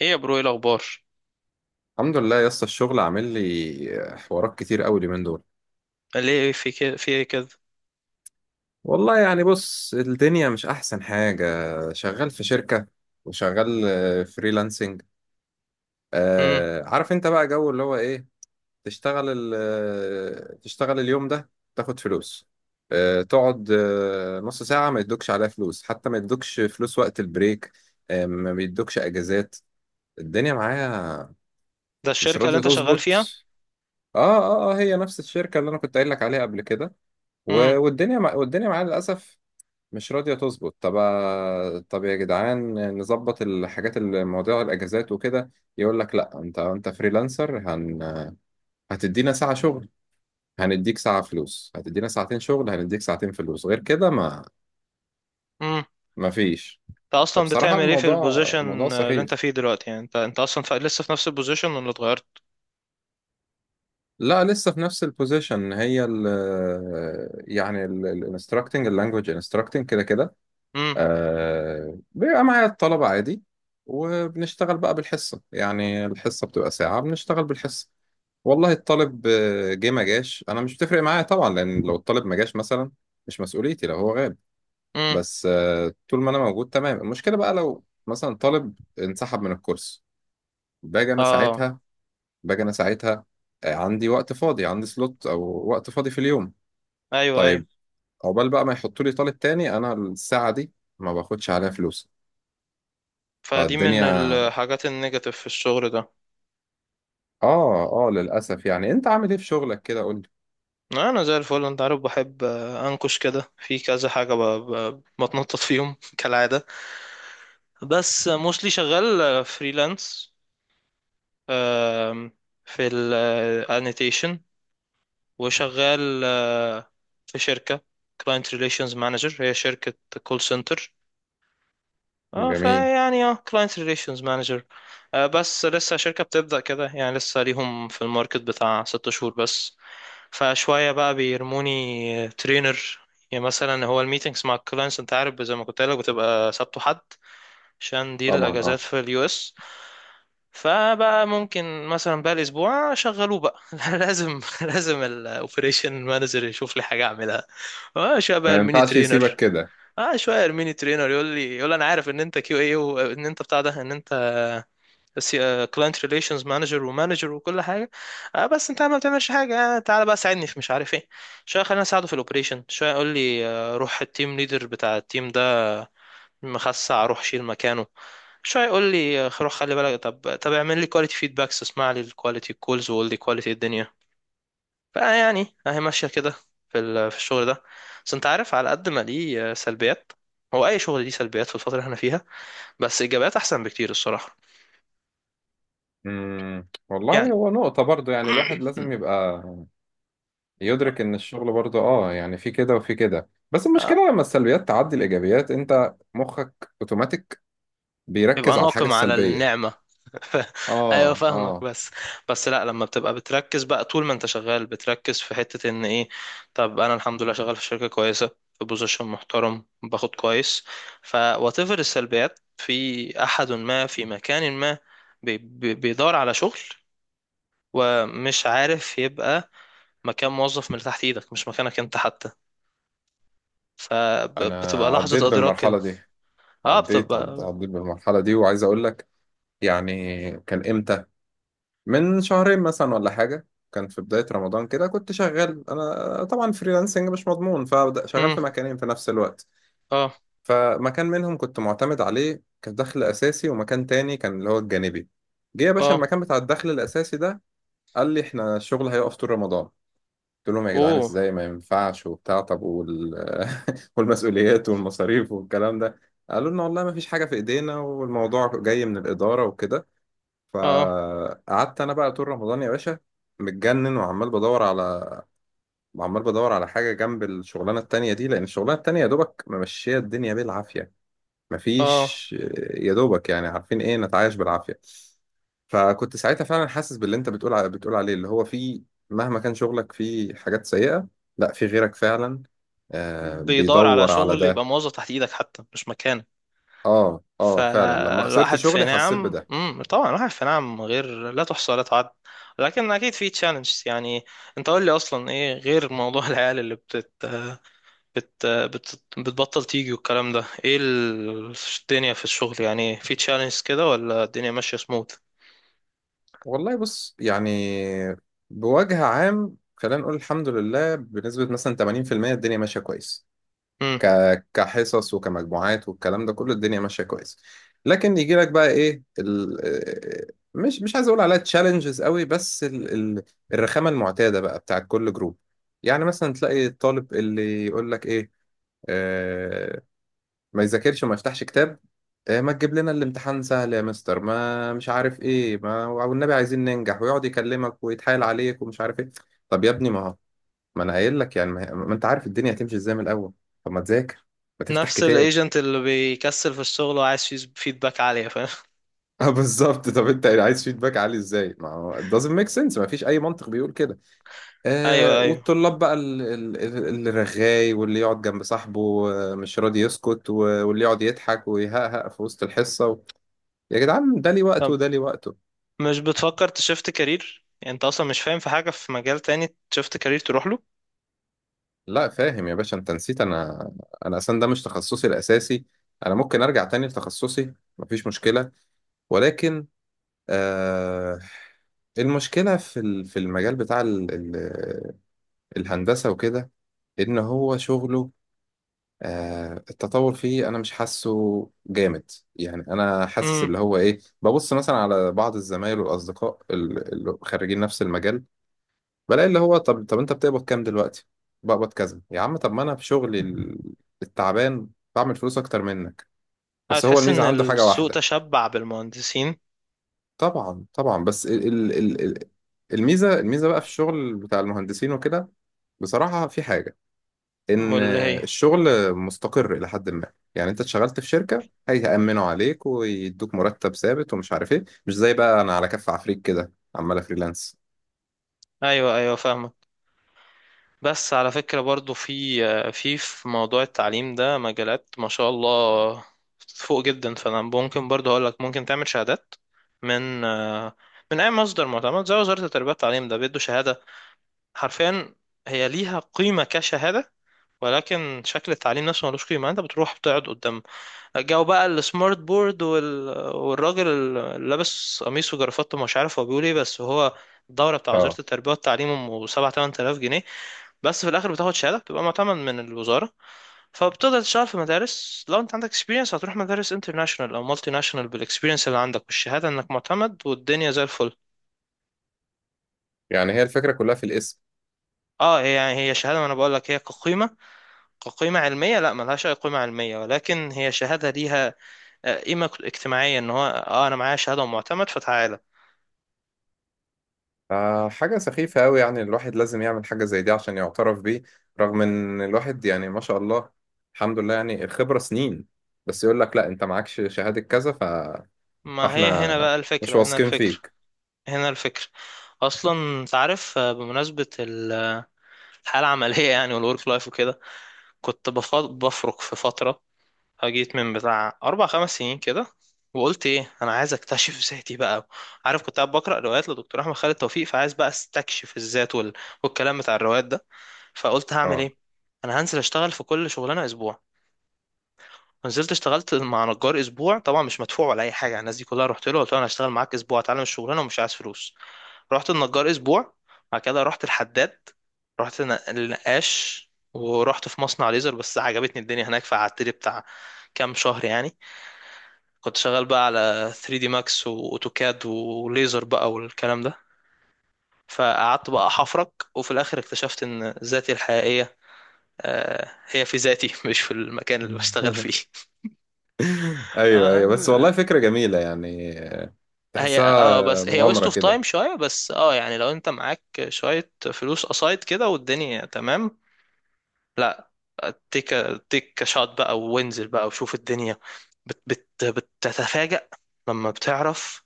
ايه يا برو، ايه الاخبار؟ الحمد لله يا اسطى، الشغل عامل لي حوارات كتير قوي اليومين دول. ليه في كده، في ايه كده؟ والله يعني بص، الدنيا مش احسن حاجة. شغال في شركة، وشغال فريلانسنج. امم. آه عارف انت بقى جو اللي هو ايه. تشتغل ال- تشتغل اليوم ده، تاخد فلوس. تقعد نص ساعة ما يدوكش عليها فلوس، حتى ما يدوكش فلوس وقت البريك. ما بيدوكش اجازات. الدنيا معايا ده مش الشركه اللي راضية انت شغال تظبط. فيها؟ اه اه اه، هي نفس الشركة اللي انا كنت قايل لك عليها قبل كده. امم. والدنيا معانا للأسف مش راضية تظبط. طب طب يا جدعان، نظبط الحاجات، المواضيع، الأجازات وكده. يقول لك لا، أنت فريلانسر، هتدينا ساعة شغل هنديك ساعة فلوس، هتدينا ساعتين شغل هنديك ساعتين فلوس، غير كده امم، ما فيش. انت اصلا فبصراحة بتعمل ايه في الموضوع البوزيشن اللي انت سخيف. فيه دلوقتي؟ يعني انت اصلا لسه في نفس البوزيشن ولا اتغيرت؟ لا لسه في نفس البوزيشن، هي ال يعني الانستراكتنج، اللانجوج انستراكتنج كده كده. امم. آه بيبقى معايا الطلبة عادي، وبنشتغل بقى بالحصة. يعني الحصة بتبقى ساعة، بنشتغل بالحصة. والله الطالب جه ما جاش أنا مش بتفرق معايا طبعا، لأن لو الطالب ما جاش مثلا مش مسؤوليتي لو هو غاب. امم. بس آه طول ما أنا موجود تمام. المشكلة بقى لو مثلا طالب انسحب من الكورس، باجي أنا اه. ساعتها باجي أنا ساعتها عندي وقت فاضي، عندي سلوت أو وقت فاضي في اليوم. ايوه، ايوه. طيب عقبال بقى ما يحطوا لي طالب تاني أنا الساعة دي ما باخدش عليها فلوس. فدي من فالدنيا. الحاجات النيجاتيف في الشغل ده. اه اه للاسف. يعني انت عامل ايه في شغلك كده؟ قول انا زي الفل، انت عارف بحب انكش كده في كذا حاجه، بتنطط فيهم كالعاده. بس موستلي شغال فريلانس في الانيتيشن، وشغال في شركة كلاينت ريليشنز مانجر. هي شركة كول سنتر. لي. اه، جميل. فيعني اه كلاينت ريليشنز مانجر، بس لسه شركة بتبدأ كده. يعني لسه ليهم في الماركت بتاع ست شهور بس. فشوية بقى بيرموني ترينر. يعني مثلا هو الميتينجز مع الكلاينتس، انت عارف زي ما كنت قايل لك، بتبقى سبت وحد عشان دي طبعا الاجازات اه. في اليو اس. فبقى ممكن مثلا بقى الاسبوع شغلوه بقى لازم الاوبريشن مانجر يشوف لي حاجه اعملها. اه، شويه بقى ما الميني ينفعش يسيبك ترينر. كده. اه، شويه الميني ترينر يقول لي، انا عارف ان انت كيو اي، وان انت بتاع ده، ان انت كلاينت ريليشنز مانجر ومانجر وكل حاجه، آه بس انت ما بتعملش حاجه. آه، تعالى بقى ساعدني في مش عارف ايه. شويه خلينا اساعده في الاوبريشن. شويه يقول لي آه، روح التيم ليدر بتاع التيم ده مخسع، روح شيل مكانه. شوية يقول لي آه، روح خلي بالك. طب طب اعمل لي كواليتي فيدباكس، اسمع لي الكواليتي الكولز وقول لي كواليتي الدنيا. فيعني اهي ماشية كده في الشغل ده. بس انت عارف على قد ما ليه سلبيات. هو اي شغل ليه سلبيات في الفترة اللي احنا فيها، بس ايجابيات احسن بكتير الصراحة. يعني والله، هو نقطة برضو، يعني الواحد لازم يبقى يدرك ان الشغل برضو اه يعني في كده وفي كده، بس اه المشكلة لما السلبيات تعدي الايجابيات انت مخك اوتوماتيك يبقى بيركز على الحاجة ناقم على السلبية. النعمة. ف- ايوه، اه فاهمك. اه. بس بس لا، لما بتبقى بتركز بقى طول ما انت شغال، بتركز في حتة ان ايه. طب انا الحمد لله شغال في شركة كويسة، في بوزيشن محترم، باخد كويس. ف whatever السلبيات في احد ما في مكان ما، بي بي بيدور على شغل، ومش عارف يبقى مكان موظف من تحت ايدك، مش مكانك انت حتى. انا فبتبقى عديت لحظة ادراك بالمرحلة دي، بتبقى. عديت بالمرحلة دي وعايز اقول لك. يعني كان امتى؟ من شهرين مثلا ولا حاجة. كان في بداية رمضان كده، كنت شغال أنا طبعا فريلانسنج مش مضمون، فشغال امم. في مكانين في نفس الوقت. اه، فمكان منهم كنت معتمد عليه كدخل أساسي، ومكان تاني كان اللي هو الجانبي. جه يا باشا اه. المكان بتاع الدخل الأساسي ده قال لي إحنا الشغل هيقف طول رمضان. قلت لهم يا جدعان اوه. إزاي؟ ما ينفعش والمسؤوليات والمصاريف والكلام ده. قالوا لنا والله ما فيش حاجة في إيدينا، والموضوع جاي من الإدارة وكده. اه، فقعدت انا بقى طول رمضان يا باشا متجنن، وعمال بدور على حاجه جنب الشغلانه التانية دي، لان الشغلانه التانية يا دوبك ممشيه الدنيا بالعافيه. اه. مفيش. يا دوبك يعني، عارفين ايه، نتعايش بالعافيه. فكنت ساعتها فعلا حاسس باللي انت بتقول عليه اللي هو في، مهما كان شغلك في حاجات سيئه، لا في غيرك فعلا. آه بيدور على بيدور على شغل ده. يبقى موظف تحت ايدك حتى مش مكانك. اه اه فعلا، لما خسرت فالواحد في شغلي حسيت نعم. بده. امم، طبعا الواحد في نعم غير، لا تحصى ولا تعد. لكن اكيد في تشالنج يعني. انت قول لي اصلا ايه؟ غير موضوع العيال اللي بتبطل تيجي والكلام ده، ايه الدنيا في الشغل؟ يعني في تشالنج كده ولا الدنيا ماشية سموث؟ والله بص يعني، بوجه عام خلينا نقول الحمد لله بنسبة مثلا 80% الدنيا ماشية كويس. امم. ك... كحصص وكمجموعات والكلام ده كله الدنيا ماشية كويس. لكن يجي لك بقى ايه مش عايز اقول عليها تشالنجز قوي، بس ال... الرخامة المعتادة بقى بتاعت كل جروب. يعني مثلا تلاقي الطالب اللي يقول لك ايه، آه، ما يذاكرش وما يفتحش كتاب. ما تجيب لنا الامتحان سهل يا مستر، ما مش عارف ايه، ما والنبي عايزين ننجح، ويقعد يكلمك ويتحايل عليك ومش عارف ايه. طب يا ابني ما هو، ما انا قايل لك يعني، ما انت عارف الدنيا هتمشي ازاي من الاول. طب ما تذاكر، ما تفتح نفس كتاب. الايجنت اللي بيكسل في الشغل وعايز فيدباك عالية، فاهم. اه بالظبط، طب انت عايز فيدباك عالي ازاي؟ ما هو it doesn't make sense، ما فيش اي منطق بيقول كده. آه ايوه، ايوه. والطلاب بقى اللي رغاي واللي يقعد جنب صاحبه مش راضي يسكت واللي يقعد يضحك ويهقهق في وسط الحصة. يا جدعان ده لي وقته طب وده لي وقته. مش بتفكر تشفت كارير؟ يعني انت اصلا مش فاهم في حاجة في مجال تاني تشفت كارير تروح له. لا فاهم يا باشا، انت نسيت، انا اصلا ده مش تخصصي الاساسي. انا ممكن ارجع تاني لتخصصي مفيش مشكله. ولكن آه المشكله في في المجال بتاع ال ال الهندسه وكده، ان هو شغله آه التطور فيه انا مش حاسه جامد. يعني انا حاسس امم. اللي هو ايه، ببص مثلا على بعض الزمايل والاصدقاء اللي خريجين نفس المجال، بلاقي اللي هو طب طب انت بتقبض كام دلوقتي؟ بقبض كذا يا عم. طب ما انا في شغلي التعبان بعمل فلوس اكتر منك. بس هو هتحس الميزه ان عنده حاجه السوق واحده. تشبع بالمهندسين. طبعا طبعا، بس الميزه بقى في الشغل بتاع المهندسين وكده. بصراحه في حاجه، ان واللي هي الشغل مستقر الى حد ما. يعني انت اتشغلت في شركه، هيأمنوا عليك ويدوك مرتب ثابت ومش عارف ايه، مش زي بقى انا على كف عفريت كده عمال فريلانس. ايوه، ايوه، فاهمك. بس على فكرة برضو في موضوع التعليم ده مجالات ما شاء الله فوق جدا. فانا ممكن برضو اقول لك ممكن تعمل شهادات من من اي مصدر معتمد زي وزارة التربية والتعليم. ده بيدوا شهادة حرفيا. هي ليها قيمة كشهادة، ولكن شكل التعليم نفسه ملوش قيمة. انت بتروح بتقعد قدام جاوا بقى، السمارت بورد والراجل اللي لابس قميص وجرافته، مش عارف هو بيقول ايه، بس هو الدورة بتاع وزارة اه التربية والتعليم أم سبعة تمن تلاف جنيه. بس في الآخر بتاخد شهادة بتبقى معتمد من الوزارة، فبتقدر تشتغل في مدارس. لو أنت عندك اكسبيرينس هتروح مدارس انترناشونال أو مالتي ناشونال بالاكسبيرينس اللي عندك والشهادة إنك معتمد، والدنيا زي الفل. يعني هي الفكره كلها في الاسم. اه، هي يعني هي شهادة. ما أنا بقول لك هي كقيمة علمية لا ملهاش أي قيمة علمية، ولكن هي شهادة ليها قيمة اجتماعية، إن هو اه أنا معايا شهادة ومعتمد فتعال. فحاجة سخيفة أوي يعني، الواحد لازم يعمل حاجة زي دي عشان يعترف بيه، رغم إن الواحد يعني ما شاء الله الحمد لله يعني الخبرة سنين، بس يقول لك لا أنت معكش شهادة كذا ما هي فإحنا هنا بقى مش الفكرة هنا واثقين الفكرة فيك. هنا الفكرة أصلا. أنت عارف بمناسبة الحالة العملية يعني، والورك لايف وكده، كنت بفرك في فترة جيت من بتاع أربع خمس سنين كده، وقلت إيه، أنا عايز أكتشف ذاتي بقى. عارف كنت قاعد بقرأ روايات لدكتور أحمد خالد توفيق، فعايز بقى أستكشف الذات والكلام بتاع الروايات ده. فقلت هعمل أه إيه؟ أنا هنزل أشتغل في كل شغلانة أسبوع. نزلت اشتغلت مع نجار اسبوع، طبعا مش مدفوع ولا اي حاجه. الناس دي كلها رحت له قلت له انا هشتغل معاك اسبوع اتعلم الشغلانه ومش عايز فلوس. رحت النجار اسبوع، بعد كده رحت الحداد، رحت النقاش، ورحت في مصنع ليزر بس عجبتني الدنيا هناك فقعدت لي بتاع كام شهر يعني. كنت شغال بقى على 3 دي ماكس واوتوكاد وليزر بقى والكلام ده. فقعدت بقى احفرك، وفي الاخر اكتشفت ان ذاتي الحقيقيه آه، هي في ذاتي مش في المكان اللي بشتغل فيه. أيوه أيوه، بس والله فكرة جميلة يعني، هي اه تحسها بس هي ويست مغامرة اوف كده. تايم شويه، بس اه يعني لو انت معاك شويه فلوس قصايد كده والدنيا تمام. لا، تيك تيك شوت بقى، وانزل بقى وشوف الدنيا. بت بت بتتفاجأ لما بتعرف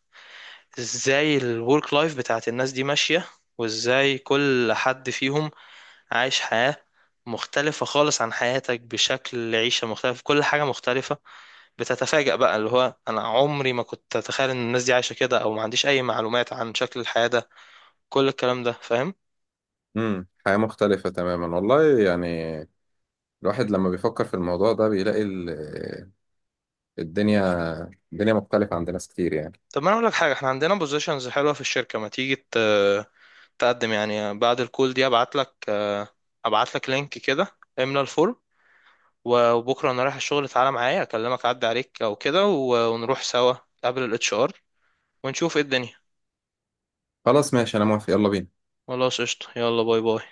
ازاي الورك لايف بتاعت الناس دي ماشيه، وازاي كل حد فيهم عايش حياه مختلفه خالص عن حياتك، بشكل عيشه مختلف، كل حاجه مختلفه. بتتفاجأ بقى اللي هو انا عمري ما كنت اتخيل ان الناس دي عايشه كده، او ما عنديش اي معلومات عن شكل الحياه ده. كل الكلام ده فاهم. حياة مختلفة تماما والله يعني. الواحد لما بيفكر في الموضوع ده بيلاقي الدنيا الدنيا مختلفة عند ناس كتير يعني. طب ما انا اقول لك حاجه، احنا عندنا بوزيشنز حلوه في الشركه، ما تيجي تقدم؟ يعني بعد الكول دي ابعت لك، لينك كده، املى الفورم. وبكره انا رايح الشغل، تعالى معايا، اكلمك اعدي عليك او كده ونروح سوا قبل الاتش ار ونشوف ايه الدنيا. خلاص ماشي، أنا موافق، يلا بينا. خلاص قشطه، يلا باي باي.